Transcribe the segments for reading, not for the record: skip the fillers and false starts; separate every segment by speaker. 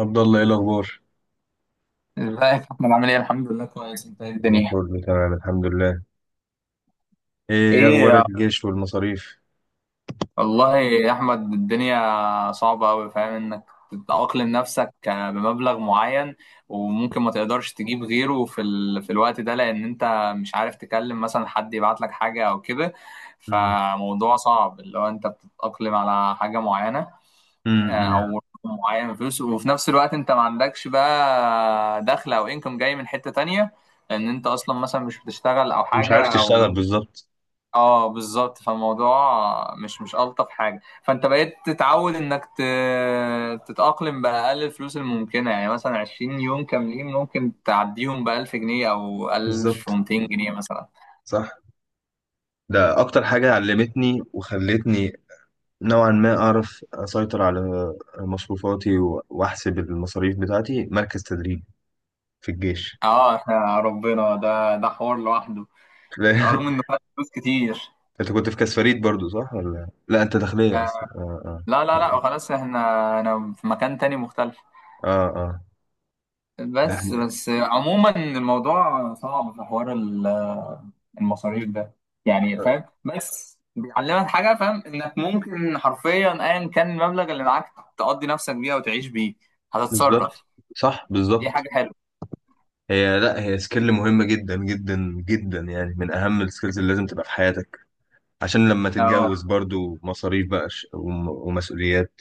Speaker 1: عبد الله، ايه الاخبار؟
Speaker 2: ازيك يا احمد؟ عامل ايه؟ الحمد لله كويس. انت ايه
Speaker 1: أنا
Speaker 2: الدنيا؟
Speaker 1: كله تمام، الحمد لله. إيه
Speaker 2: ايه
Speaker 1: أخبار
Speaker 2: يا
Speaker 1: الجيش والمصاريف؟
Speaker 2: والله يا احمد الدنيا صعبه قوي. فاهم انك تتأقلم نفسك بمبلغ معين، وممكن ما تقدرش تجيب غيره في الوقت ده، لان انت مش عارف تكلم مثلا حد يبعت لك حاجه او كده.
Speaker 1: امم.
Speaker 2: فموضوع صعب اللي هو انت بتتأقلم على حاجه معينه،
Speaker 1: امم.
Speaker 2: او رقم معين من فلوس، وفي نفس الوقت انت ما عندكش بقى دخل او انكم جاي من حته تانية، لان انت اصلا مثلا مش بتشتغل او
Speaker 1: مش
Speaker 2: حاجه
Speaker 1: عارف
Speaker 2: او
Speaker 1: تشتغل بالظبط.
Speaker 2: اه بالظبط. فالموضوع مش الطف حاجه. فانت بقيت تتعود تتاقلم باقل الفلوس الممكنه، يعني مثلا 20 يوم كاملين ممكن تعديهم ب 1000 جنيه او
Speaker 1: بالظبط،
Speaker 2: 1200 جنيه مثلا.
Speaker 1: صح. ده أكتر حاجة علمتني وخلتني نوعا ما أعرف أسيطر على مصروفاتي و- وأحسب المصاريف بتاعتي مركز تدريب في الجيش.
Speaker 2: اه احنا ربنا ده حوار لوحده،
Speaker 1: لا،
Speaker 2: رغم انه خد فلوس كتير.
Speaker 1: أنت كنت في كاس فريد برضو صح ولا لا؟ أنت داخلية أصلا؟ آه.
Speaker 2: لا
Speaker 1: آه.
Speaker 2: لا لا، وخلاص احنا، انا في مكان تاني مختلف.
Speaker 1: آه. آه.
Speaker 2: بس
Speaker 1: يعني
Speaker 2: بس عموما الموضوع صعب في حوار المصاريف ده. يعني فاهم، بس بيعلمك حاجه، فاهم انك ممكن حرفيا ايا كان المبلغ اللي معاك تقضي نفسك بيه وتعيش بيه،
Speaker 1: بالظبط،
Speaker 2: هتتصرف.
Speaker 1: صح،
Speaker 2: دي
Speaker 1: بالظبط.
Speaker 2: حاجه حلوه.
Speaker 1: هي لا، هي سكيل مهمة جدا جدا جدا، يعني من أهم السكيلز اللي لازم تبقى في حياتك عشان لما
Speaker 2: اه
Speaker 1: تتجوز برضو مصاريف بقى، ش- وم- ومسؤوليات.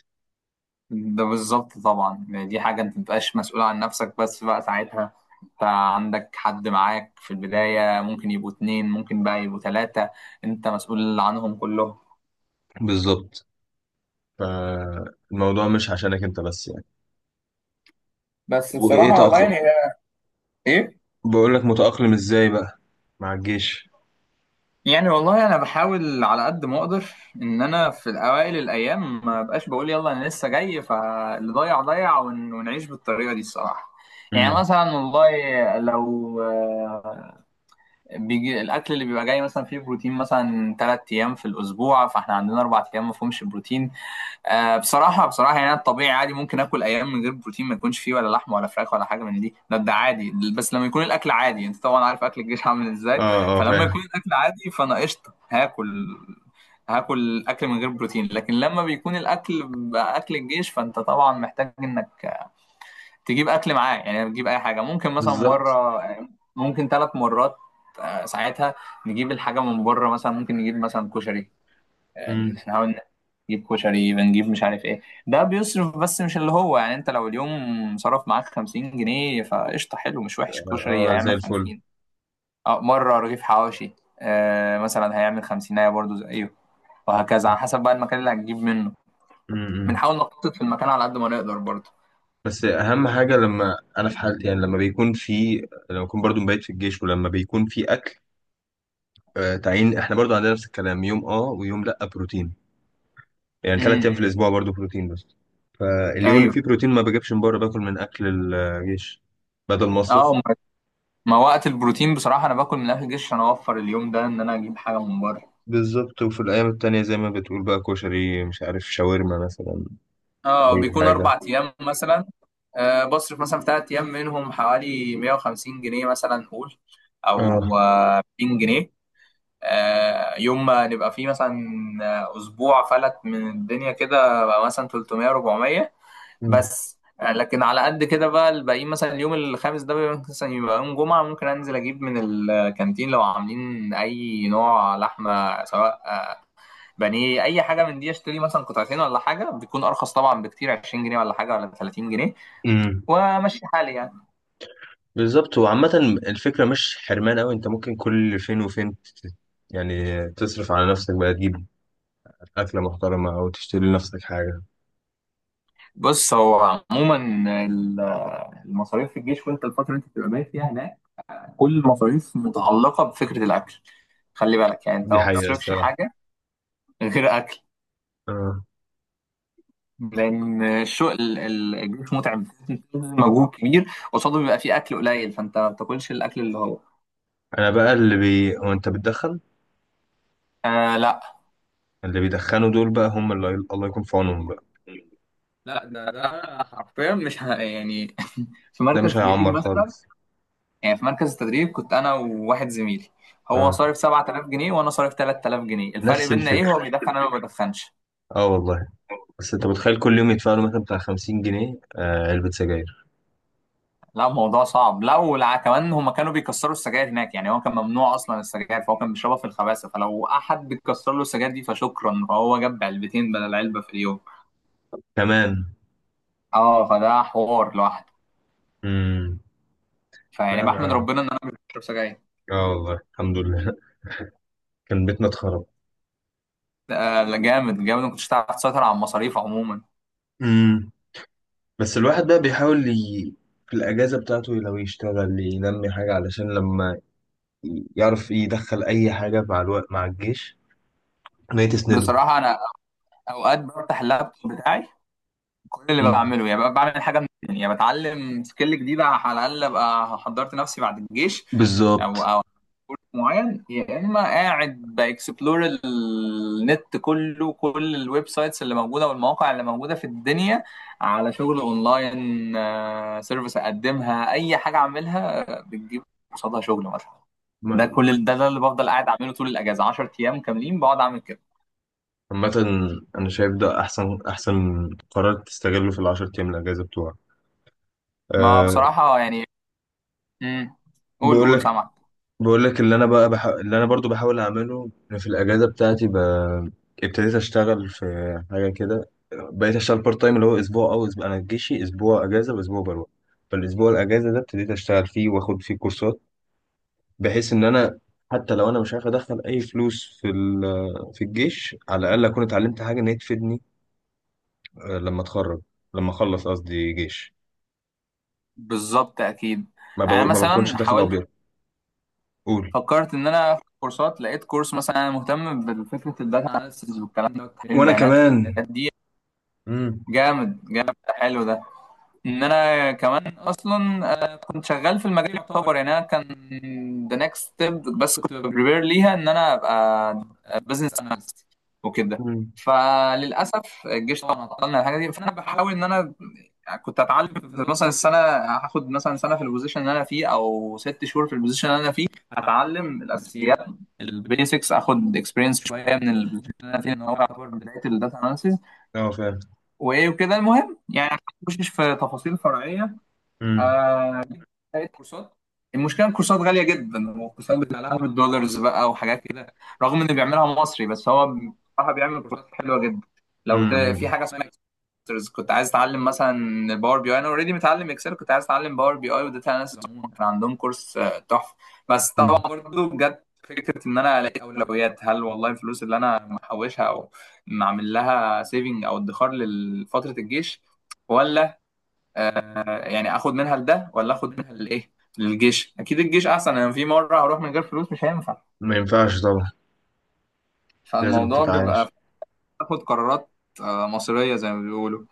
Speaker 2: ده بالظبط طبعا، يعني دي حاجه انت متبقاش مسؤول عن نفسك بس بقى ساعتها. انت عندك حد معاك في البدايه، ممكن يبقوا اتنين، ممكن بقى يبقوا تلاته، انت مسؤول عنهم كلهم.
Speaker 1: بالظبط، فالموضوع مش عشانك أنت بس يعني.
Speaker 2: بس
Speaker 1: وإيه
Speaker 2: بصراحه والله
Speaker 1: تأقلم؟
Speaker 2: ايه
Speaker 1: بقول لك، متأقلم إزاي بقى مع الجيش؟
Speaker 2: يعني. والله انا بحاول على قد ما اقدر ان انا في الاوائل الايام ما بقاش بقول يلا انا لسه جاي، فاللي ضيع ضيع، ونعيش بالطريقه دي الصراحه. يعني
Speaker 1: امم.
Speaker 2: مثلا والله لو بيجي الاكل اللي بيبقى جاي مثلا فيه بروتين مثلا ثلاث ايام في الاسبوع، فاحنا عندنا اربع ايام ما فيهمش بروتين. آه، بصراحة بصراحة يعني أنا الطبيعي عادي ممكن آكل أيام من غير بروتين، ما يكونش فيه ولا لحمة ولا فراخ ولا حاجة من دي، ده عادي. بس لما يكون الأكل عادي، أنت طبعا عارف أكل الجيش عامل إزاي.
Speaker 1: اه، اه،
Speaker 2: فلما
Speaker 1: فاهم.
Speaker 2: يكون الأكل عادي فأنا قشطة هاكل، هاكل أكل من غير بروتين. لكن لما بيكون الأكل بقى أكل الجيش فأنت طبعا محتاج إنك تجيب أكل معاه، يعني تجيب أي حاجة، ممكن مثلا
Speaker 1: بالظبط.
Speaker 2: مرة، ممكن ثلاث مرات. ساعتها نجيب الحاجة من بره، مثلا ممكن نجيب مثلا كشري.
Speaker 1: امم.
Speaker 2: نحاول نجيب كشري، بنجيب مش عارف ايه، ده بيصرف بس مش اللي هو يعني. انت لو اليوم صرف معاك 50 جنيه فقشطة، حلو مش وحش، كشري
Speaker 1: اه، زي
Speaker 2: هيعمل
Speaker 1: الفل.
Speaker 2: 50. اه مرة رغيف حواشي، آه مثلا هيعمل 50 برضه زيه، وهكذا على حسب بقى المكان اللي هتجيب منه.
Speaker 1: امم.
Speaker 2: بنحاول نخطط في المكان على قد ما نقدر برضه.
Speaker 1: بس اهم حاجه، لما انا في حالتي، يعني لما بيكون في، لما بكون برضو مبيت في الجيش ولما بيكون في اكل، آه، تعيين، احنا برضو عندنا نفس الكلام، يوم اه ويوم لا بروتين، يعني ثلاث ايام
Speaker 2: امم.
Speaker 1: في الاسبوع برضو بروتين بس. فاليوم اللي
Speaker 2: ايوه.
Speaker 1: فيه بروتين ما بجيبش من بره، باكل من اكل الجيش بدل مصرف.
Speaker 2: اه، ما وقت البروتين بصراحة انا باكل من الاكل الجيش عشان اوفر اليوم ده ان انا اجيب حاجة من بره.
Speaker 1: بالظبط، وفي الايام التانية زي ما بتقول بقى كشري، مش عارف، شاورما مثلا،
Speaker 2: اه
Speaker 1: اي
Speaker 2: بيكون
Speaker 1: حاجة.
Speaker 2: اربع ايام مثلا. آه بصرف مثلا في ثلاث ايام منهم حوالي 150 جنيه مثلا نقول، او
Speaker 1: اه.
Speaker 2: آه 200 جنيه. آه يوم ما نبقى فيه مثلا اسبوع فلت من الدنيا كده بقى مثلا 300 400.
Speaker 1: مم.
Speaker 2: بس آه لكن على قد كده بقى الباقيين، مثلا اليوم الخامس ده بيبقى مثلا يبقى يوم جمعة، ممكن انزل اجيب من الكانتين لو عاملين اي نوع لحمة، سواء بانيه اي حاجه من دي، اشتري مثلا قطعتين ولا حاجه، بيكون ارخص طبعا بكتير، 20 جنيه ولا حاجه ولا 30 جنيه،
Speaker 1: مم.
Speaker 2: وامشي حالي يعني.
Speaker 1: بالظبط. وعامة الفكرة مش حرمان أوي، أنت ممكن كل فين وفين يعني تصرف على نفسك بقى، تجيب أكلة محترمة أو تشتري لنفسك حاجة.
Speaker 2: بص هو عموما ال- المصاريف في الجيش، وانت الفتره اللي انت بتبقى بايت فيها هناك، كل المصاريف متعلقه بفكره الاكل. خلي بالك، يعني انت
Speaker 1: دي
Speaker 2: ما
Speaker 1: حقيقة
Speaker 2: بتصرفش
Speaker 1: الصراحة.
Speaker 2: حاجه غير اكل، لان الشغل الجيش متعب مجهود كبير، قصاده بيبقى فيه اكل قليل، فانت ما بتاكلش الاكل اللي هو
Speaker 1: انا بقى اللي بي هو، انت بتدخن؟
Speaker 2: آه لا.
Speaker 1: اللي بيدخنوا دول بقى هم اللي الله يكون في عونهم بقى.
Speaker 2: لا، ده حرفيا مش ه- يعني في
Speaker 1: ده
Speaker 2: مركز
Speaker 1: مش
Speaker 2: تدريب
Speaker 1: هيعمر
Speaker 2: مثلا.
Speaker 1: خالص.
Speaker 2: يعني في مركز التدريب كنت انا وواحد زميلي، هو
Speaker 1: اه،
Speaker 2: صارف 7000 جنيه وانا صارف 3000 جنيه. الفرق
Speaker 1: نفس
Speaker 2: بيننا ايه؟
Speaker 1: الفكرة.
Speaker 2: هو بيدخن انا ما بدخنش.
Speaker 1: اه والله. بس انت متخيل كل يوم يدفعوا له مثلا بتاع 50 جنيه؟ آه، علبة سجاير
Speaker 2: لا الموضوع صعب، لا. ولا كمان هما كانوا بيكسروا السجاير هناك، يعني هو كان ممنوع اصلا السجاير، فهو كان بيشربها في الخباثه، فلو احد بيكسر له السجاير دي فشكرا، فهو جاب علبتين بدل علبه في اليوم.
Speaker 1: كمان.
Speaker 2: اه فده حوار لوحده.
Speaker 1: امم.
Speaker 2: فيعني
Speaker 1: لا.
Speaker 2: بحمد
Speaker 1: ما،
Speaker 2: ربنا ان انا مش بشرب سجاير.
Speaker 1: اه والله، الحمد لله كان بيتنا اتخرب.
Speaker 2: ده لا جامد جامد، ما كنتش هتعرف تسيطر على المصاريف عموما.
Speaker 1: امم. بس الواحد بقى بيحاول في الأجازة بتاعته لو يشتغل ينمي حاجة، علشان لما يعرف يدخل أي حاجة مع الوقت مع الجيش ما تسنده.
Speaker 2: بصراحه انا اوقات بفتح اللابتوب بتاعي، كل اللي
Speaker 1: امم.
Speaker 2: بعمله يعني ببقى بعمل حاجه من الاتنين. يعني بتعلم سكيل جديده، على الاقل ابقى حضرت نفسي بعد الجيش او
Speaker 1: بالظبط.
Speaker 2: او معين، يا اما قاعد باكسبلور النت كله، كل الويب سايتس اللي موجوده والمواقع اللي موجوده في الدنيا على شغل اونلاين. سيرفيس اقدمها، اي حاجه اعملها، بتجيب قصادها شغل مثلا. ده كل ده اللي بفضل قاعد اعمله طول الاجازه، 10 ايام كاملين بقعد اعمل كده.
Speaker 1: عامة أنا شايف ده أحسن، أحسن قرار تستغله في العشر أيام الأجازة بتوعك.
Speaker 2: ما
Speaker 1: أه.
Speaker 2: بصراحه يعني امم. قول
Speaker 1: بقول
Speaker 2: قول
Speaker 1: لك،
Speaker 2: سامع.
Speaker 1: بقول لك، اللي أنا بقى اللي أنا برضو بحاول أعمله، أنا في الأجازة بتاعتي ابتديت أشتغل في حاجة كده، بقيت أشتغل بارت تايم، اللي هو أسبوع أو أسبوع، أنا جيشي أسبوع أجازة وأسبوع بروح. فالأسبوع الأجازة ده ابتديت أشتغل فيه وآخد فيه كورسات، بحيث إن أنا، حتى لو أنا مش عارف أدخل أي فلوس في في الجيش، على الأقل أكون اتعلمت حاجة إن هي تفيدني، آه، لما أتخرج، لما أخلص قصدي جيش.
Speaker 2: بالظبط اكيد. يعني انا
Speaker 1: ما بكونش
Speaker 2: مثلا
Speaker 1: داخل
Speaker 2: حاولت،
Speaker 1: ابيض. قول.
Speaker 2: فكرت ان انا اخد كورسات، لقيت كورس مثلا انا مهتم بفكره الداتا اناليسيز والكلام ده وتحليل
Speaker 1: وانا
Speaker 2: البيانات
Speaker 1: كمان.
Speaker 2: والحاجات دي.
Speaker 1: امم.
Speaker 2: جامد جامد، حلو ده. ان انا كمان اصلا كنت شغال في المجال يعتبر، يعني انا كان ذا نيكست ستيب، بس كنت بريبير ليها ان انا ابقى بزنس اناليست وكده.
Speaker 1: امم.
Speaker 2: فللاسف الجيش طبعا عطلنا الحاجه دي، فانا بحاول ان انا كنت اتعلم في مثلا السنه، هاخد مثلا سنه في البوزيشن اللي انا فيه او ست شهور في البوزيشن اللي انا فيه، هتعلم الاساسيات البيسكس، اخد اكسبيرينس شويه من البوزيشن اللي انا فيه، ان هو يعتبر بدايه الداتا اناليسيز
Speaker 1: اه، فاهم.
Speaker 2: وايه وكده، المهم يعني مش في تفاصيل فرعيه.
Speaker 1: امم.
Speaker 2: لقيت كورسات، المشكله الكورسات غاليه جدا، والكورسات بتاع 1000 دولارز بقى وحاجات كده، رغم انه بيعملها مصري بس هو بصراحه بيعمل كورسات حلوه جدا. في
Speaker 1: امم.
Speaker 2: حاجه اسمها Masters، كنت عايز اتعلم مثلا باور بي اي، انا اوريدي متعلم اكسل، كنت عايز اتعلم باور بي اي وداتا اناليسيس عموما، كان عندهم كورس تحفه. بس طبعا
Speaker 1: أمم.
Speaker 2: برضه بجد فكره ان انا الاقي اولويات، هل والله الفلوس اللي انا محوشها او معمل لها سيفنج او ادخار لفتره الجيش، ولا آه يعني اخد منها لده، ولا اخد منها للايه؟ للجيش اكيد، الجيش احسن، انا في مره هروح من غير فلوس مش هينفع.
Speaker 1: ما ينفعش طبعا. لازم
Speaker 2: فالموضوع بيبقى
Speaker 1: تتعايش.
Speaker 2: باخد قرارات آه مصيريه زي ما بيقولوا.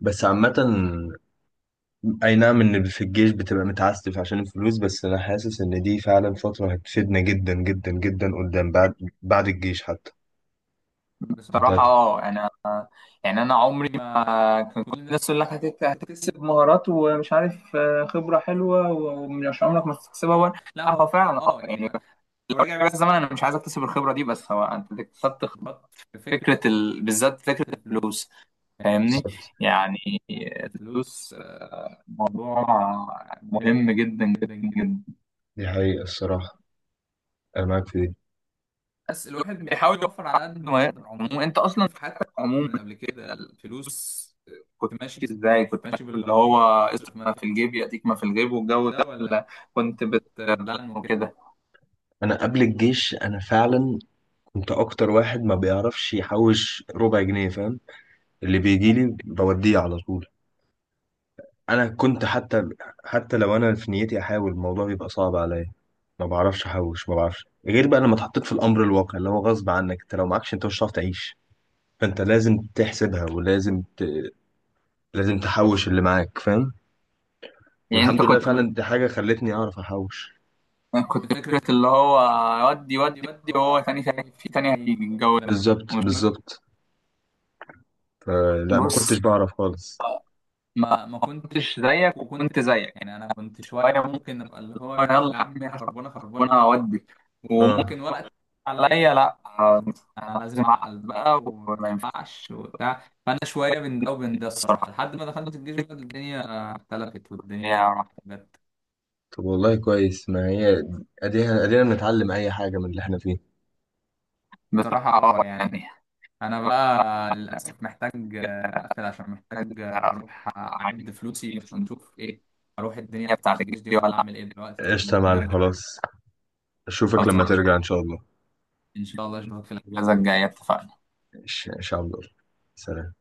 Speaker 1: بس عامة، أي نعم إن في الجيش بتبقى متعسف عشان الفلوس، بس أنا حاسس إن دي فعلا فترة هتفيدنا جدا جدا جدا قدام، بعد الجيش حتى. أنت
Speaker 2: بصراحه اه يعني، يعني انا عمري ما كان، كل الناس تقول لك هتكتسب مهارات، ومش عارف خبره حلوه ومش عمرك ما هتكتسبها، ولا لا هو فعلا اه يعني، لو رجع بيا الزمن انا مش عايز اكتسب الخبره دي، بس هو انت اكتسبت خبرات في فكره بالذات فكره الفلوس، فاهمني.
Speaker 1: بالظبط.
Speaker 2: يعني الفلوس موضوع مهم جدا جدا جدا.
Speaker 1: دي حقيقة الصراحة، أنا معاك في دي.
Speaker 2: بس الواحد بيحاول يوفر على قد ما يقدر. عموما انت اصلا في عموما قبل كده الفلوس كنت ماشي ازاي؟ كنت ماشي باللي هو اصرف ما في الجيب ياتيك ما في الجيب، والجو ده، ولا كنت بتدلع وكده.
Speaker 1: أنا قبل الجيش أنا فعلا كنت أكتر واحد ما بيعرفش يحوش ربع جنيه، فاهم؟ اللي بيجيلي بوديه على طول. انا كنت حتى، لو انا في نيتي احاول، الموضوع بيبقى صعب عليا، ما بعرفش احوش، ما بعرفش غير بقى لما اتحطيت في الامر الواقع، اللي هو غصب عنك، انت لو معكش انت مش هتعرف تعيش. فانت لازم تحسبها ولازم لازم تحوش اللي معاك، فاهم؟
Speaker 2: يعني
Speaker 1: والحمد
Speaker 2: انت
Speaker 1: لله
Speaker 2: كنت من
Speaker 1: فعلا دي حاجه خلتني اعرف احوش.
Speaker 2: كنت فكرة اللي هو ودي ودي ودي، وهو تاني تاني في تاني، هيجي الجو ده
Speaker 1: بالظبط،
Speaker 2: ومش-
Speaker 1: بالظبط. فلا، ما كنتش
Speaker 2: بص.
Speaker 1: بعرف خالص.
Speaker 2: زيك زيك اودي
Speaker 1: اه.
Speaker 2: عليا، لا، بقى وما راحت.
Speaker 1: طب والله كويس، ما هي ادينا، ادينا بنتعلم اي حاجه من اللي احنا فيه. قشطه يا معلم، خلاص. اشوفك لما ترجع ان شاء الله.
Speaker 2: الجايه اتفقنا.
Speaker 1: ان شاء الله. سلام.